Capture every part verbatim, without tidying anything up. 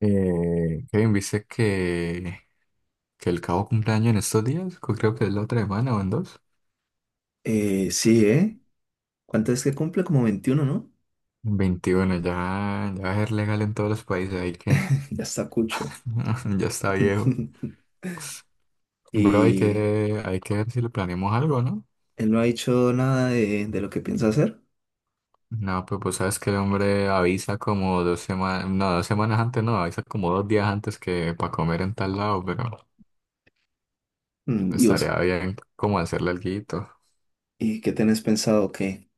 Eh, Kevin, ¿viste que, que el Cabo cumpleaños en estos días? Co- Creo que es la otra semana o en dos. Eh, sí, ¿eh? ¿Cuánto es que cumple? Como veintiuno, ¿no? Veintiuno ya, ya va a ser legal en todos los países, ahí que Ya está cucho. ya está viejo. Bro, hay Y que, hay que ver si le planeamos algo, ¿no? él no ha dicho nada de, de lo que piensa hacer. No, pues vos sabes que el hombre avisa como dos semanas, no, dos semanas antes, no, avisa como dos días antes que para comer en tal lado, pero Mm, ¿Y vos? estaría bien como hacerle alguito. ¿Y qué tenés pensado? ¿Qué?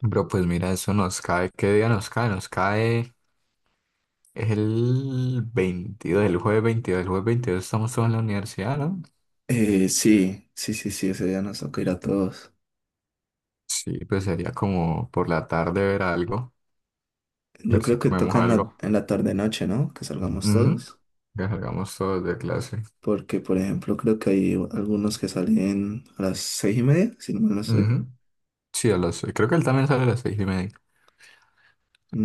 Bro, pues mira, eso nos cae, ¿qué día nos cae? Nos cae. Es el veintidós, el jueves veintidós, el jueves veintidós estamos todos en la universidad, ¿no? Eh, sí, sí, sí, sí, ese día nos toca ir a todos. Sí, pues sería como por la tarde ver algo, Yo ver si creo que comemos toca en la, algo. en la tarde-noche, ¿no? Que salgamos Ujú. todos. Que salgamos todos de clase. Porque, por ejemplo, creo que hay algunos que salen a las seis y media, si no mal no estoy. Ujú. Sí, a las seis. Creo que él también sale a las seis y media.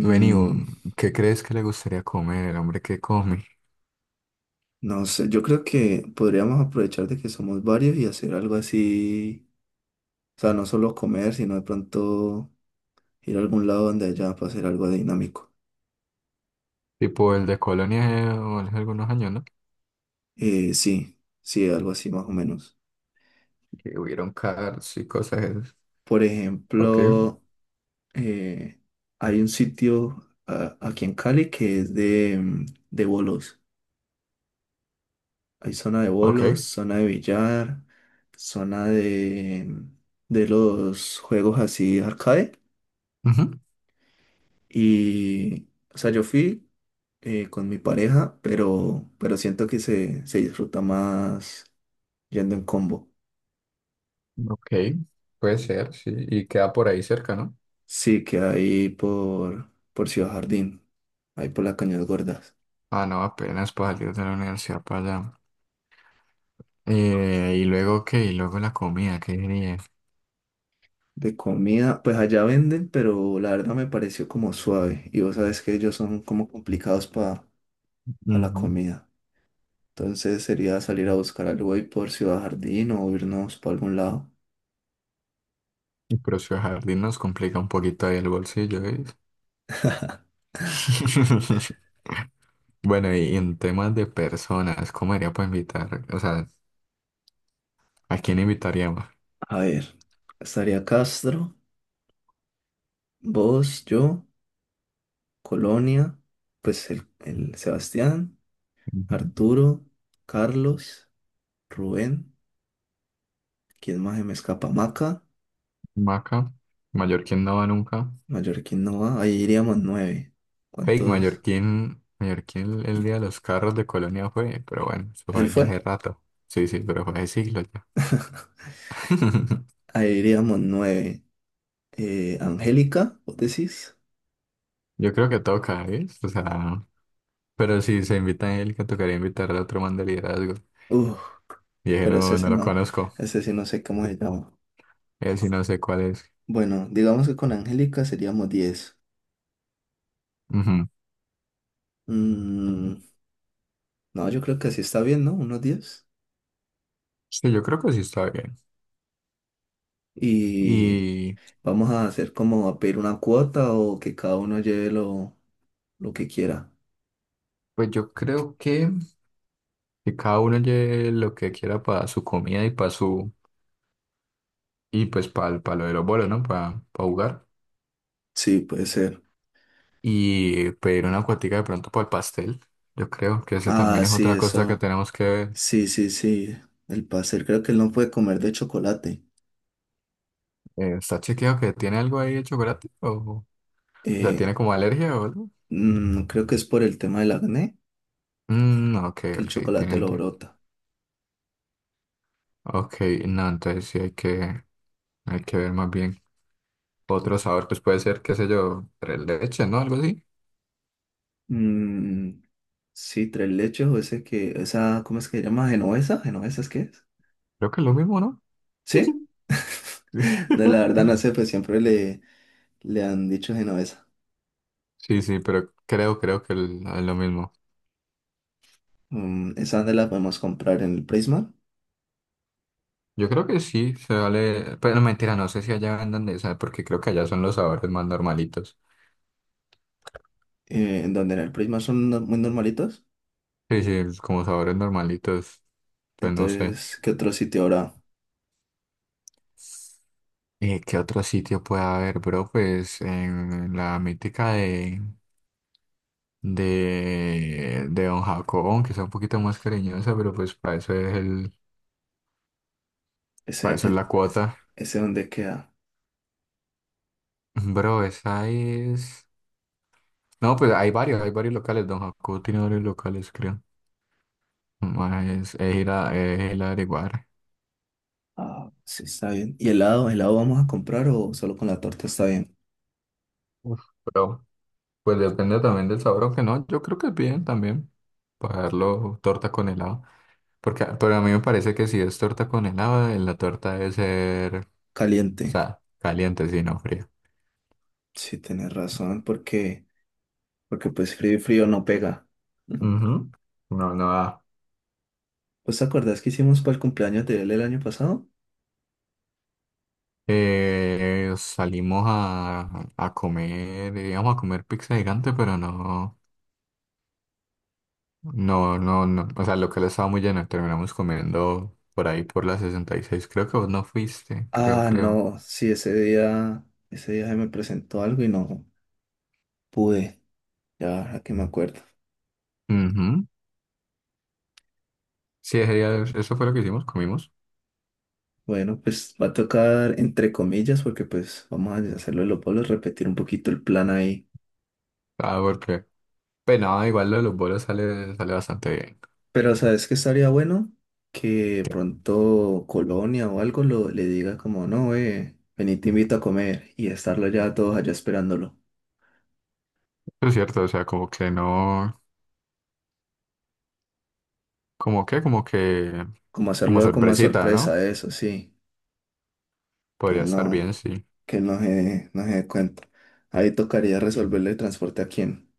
Vení, vos, ¿qué crees que le gustaría comer el hombre que come? no sé, yo creo que podríamos aprovechar de que somos varios y hacer algo así. O sea, no solo comer, sino de pronto ir a algún lado donde haya para hacer algo dinámico. Tipo el de Colonia eh, o hace algunos años, ¿no? Eh, sí, sí, algo así más o menos. Que hubieron cars y cosas esas. Por Ok, ejemplo, eh, hay un sitio a- aquí en Cali que es de, mm, de bolos. Hay zona de bolos, ok. zona de billar, zona de, mm, de los juegos así arcade. Ujú. Y, o sea, yo fui eh, con mi pareja, pero, pero siento que se, se disfruta más yendo en combo. Ok, puede ser, sí. Y queda por ahí cerca, ¿no? Sí, que ahí por, por Ciudad Jardín, ahí por las Cañas Gordas. Ah, no, apenas para salir de la universidad para allá. Eh, y luego qué, y luego la comida, qué diría. De comida, pues allá venden, pero la verdad me pareció como suave. Y vos sabes que ellos son como complicados para la Ujú. comida. Entonces sería salir a buscar algo ahí por Ciudad Jardín o irnos para algún lado. El precio de jardín nos complica un poquito ahí el bolsillo, ¿ves? Bueno, y en temas de personas, ¿cómo haría para invitar? O sea, ¿a quién invitaríamos? A ver, estaría Castro, vos, yo, Colonia, pues el, el Sebastián, Ujú. Arturo, Carlos, Rubén, ¿quién más se me escapa? Maca. Maca, Mallorquín no va nunca. Mallorquín no va, ahí iríamos nueve. Fake, ¿Cuántos? Mallorquín, Mallorquín el día de los carros de Colonia fue, pero bueno, eso Él fue ya fue. hace rato. Sí, sí, pero fue hace siglos ya. Ahí iríamos nueve. Eh, Angélica, ¿vos decís? Yo creo que toca, ¿ves? O sea. Pero si se invita a Angélica, tocaría invitar al otro man de liderazgo. Uf, Y dije, pero no, ese no sí lo no, conozco. ese sí no sé cómo se llama. Él sí no sé cuál es. Bueno, digamos que con Angélica seríamos diez. Ujú. Mm, no, yo creo que así está bien, ¿no? Unos diez. Sí, yo creo que sí está bien. Y Y vamos a hacer como a pedir una cuota o que cada uno lleve lo, lo que quiera. pues yo creo que, que cada uno lleve lo que quiera para su comida y para su, y pues para lo de los bolos, ¿no? Para jugar. Sí, puede ser. Y pedir una cuatica de pronto para el pastel. Yo creo que ese Ah, también es sí, otra cosa que eso. tenemos que ver. Sí, sí, sí, el pastel, creo que él no puede comer de chocolate. Eh, ¿está chequeado que tiene algo ahí de chocolate? ¿O, o sea, Eh, tiene como alergia o algo? Mm, creo que es por el tema del acné Mm, no, ok, que el ok, chocolate tiene. lo brota. Ok, no, entonces sí hay que, hay que ver más bien otro sabor, pues puede ser, qué sé yo, tres leche, ¿no? Algo así. Mm, sí, tres leches o ese que, esa, ¿cómo es que se llama? ¿Genovesa? ¿Genovesa es qué es? Creo que es lo mismo, ¿no? ¿Sí? De la verdad no sé, pues siempre le, le han dicho genovesa. Sí, sí, pero creo, creo que el- es lo mismo. Mm, esa de la podemos comprar en el Prisma, Yo creo que sí, se vale, pero no, mentira, no sé si allá vendan de esa, porque creo que allá son los sabores más normalitos. eh, en donde en el Prisma son no- muy normalitos. Sí, sí, es como sabores normalitos, pues no sé. Entonces, ¿qué otro sitio habrá? Eh, ¿qué otro sitio puede haber, bro? Pues en la mítica de de, de Don Jacobón, que sea un poquito más cariñosa, pero pues para eso es el, para Ese, eso es el- la cuota. ese donde queda. Bro, esa es. No, pues hay varios, hay varios locales. Don Jacobo tiene varios locales, creo. Más. Es, es ir a, es ir a averiguar. Ah, sí, está bien. ¿Y helado? ¿Helado vamos a comprar o solo con la torta está bien? Uf, pero, pues depende también del sabor, aunque no, yo creo que es bien también. Pagarlo torta con helado. Porque, pero a mí me parece que si es torta con helado, eh, la torta debe ser, o Caliente. sea, caliente, si no fría. Sí, tienes razón, porque, porque pues frío y frío no pega. Ujú. Ujú. No, no da. ¿Pues te acuerdas que hicimos para el cumpleaños de él el año pasado? Eh, salimos a, a comer, íbamos a comer pizza gigante, pero no, no, no, no, o sea, lo que le estaba muy lleno, terminamos comiendo por ahí por la sesenta y seis, creo que vos no fuiste, creo, Ah, creo. no, sí, ese día, ese día se me presentó algo y no pude. Ya, ahora que me acuerdo. Ujú. Sí, ese día- eso fue lo que hicimos, comimos. Bueno, pues va a tocar entre comillas, porque pues vamos a hacerlo de los polos, repetir un poquito el plan ahí. Ah, porque, pero no, igual lo de los bolos sale, sale bastante bien. Pero ¿sabes qué estaría bueno? Que pronto Colonia o algo lo, le diga como, no, eh, vení, te invito a comer y estarlo ya todos allá esperándolo. Es cierto, o sea, como que no, como que, como que, Como como hacerlo como a sorpresita, ¿no? sorpresa, eso sí, que Podría estar no, bien, sí. que no se, no se dé cuenta. Ahí tocaría resolverle el transporte a quién,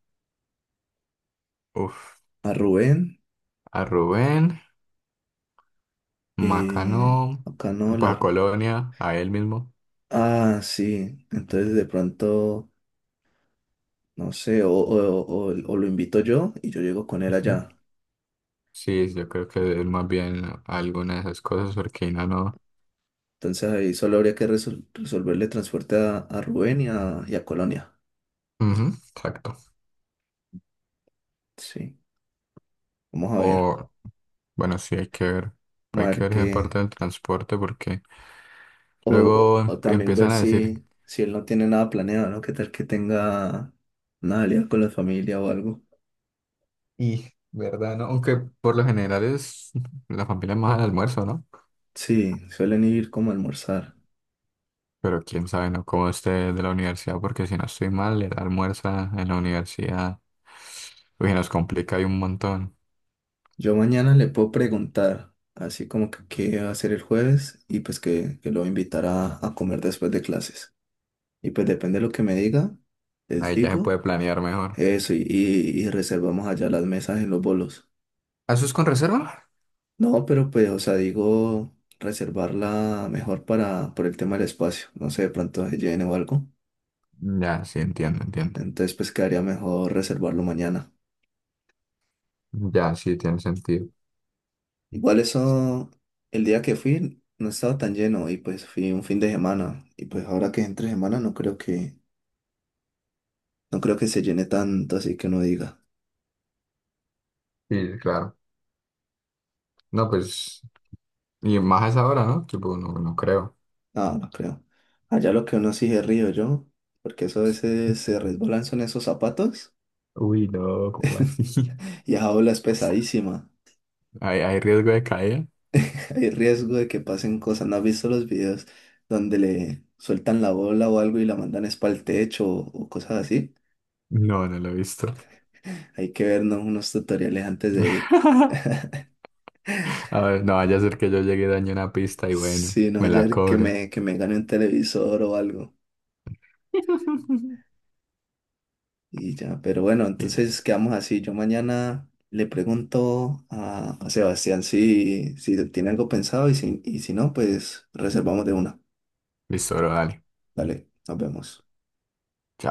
Uf, a Rubén, a Rubén. eh, Macano, acá no, pues la a Ru- Colonia, a él mismo. Ah, sí, entonces de pronto, no sé, o, o o- o- o lo invito yo y yo llego con él Ujú. allá. Sí, yo creo que es más bien alguna de esas cosas, porque no, no. Entonces ahí solo habría que resol- resolverle transporte a, a Rubén y a, y a Colonia. Ujú, exacto. Sí, vamos a ver. O, bueno, sí, hay que ver. Vamos a Hay que ver ver esa parte qué. del transporte, porque O, luego em- o también ver empiezan a decir, si, si él no tiene nada planeado, ¿no? ¿Qué tal que tenga una alianza con la familia o algo? y, ¿verdad? ¿No? Aunque por lo general es la familia más al almuerzo, ¿no? Sí, suelen ir como a almorzar. Pero quién sabe, ¿no? Cómo esté de la universidad, porque si no estoy mal, el almuerzo en la universidad, uy, nos complica ahí un montón. Yo mañana le puedo preguntar, así como que qué va a hacer el jueves y pues que, que lo voy a invitar a, a comer después de clases. Y pues depende de lo que me diga, les Ahí ya se digo. puede planear mejor. Eso, y, y- y reservamos allá las mesas y los bolos. ¿Ah, eso es con reserva? No, pero pues, o sea, digo, reservarla mejor para, por el tema del espacio. No sé, de pronto se llene o algo. Ya, sí, entiendo, entiendo. Entonces, pues quedaría mejor reservarlo mañana. Ya, sí, tiene sentido. Igual eso, el día que fui no estaba tan lleno y pues fui un fin de semana. Y pues ahora que es entre semana no creo que, no creo que se llene tanto, así que uno diga. Sí, claro. No, pues, y más a esa hora, ¿no? Tipo, no, no creo. No, no creo. Allá lo que uno sí se río yo, porque eso a veces se resbalan son esos zapatos. Uy, no, ¿cómo así? Y esa ola es pesadísima. ¿Hay, hay riesgo de caída? Hay riesgo de que pasen cosas. ¿No has visto los videos donde le sueltan la bola o algo y la mandan es para el techo o, o cosas así? No, no lo he visto. Hay que vernos unos tutoriales antes de ir. A ver, no vaya a ser que yo llegue y dañe una pista y bueno, Si no, me la ayer que cobre. me, que me gane un televisor o algo. Y ya, pero bueno, entonces quedamos así. Yo mañana le pregunto a, a Sebastián si, si tiene algo pensado y si, y si no, pues reservamos de una. Listo, bro, dale. Dale, nos vemos. Chao.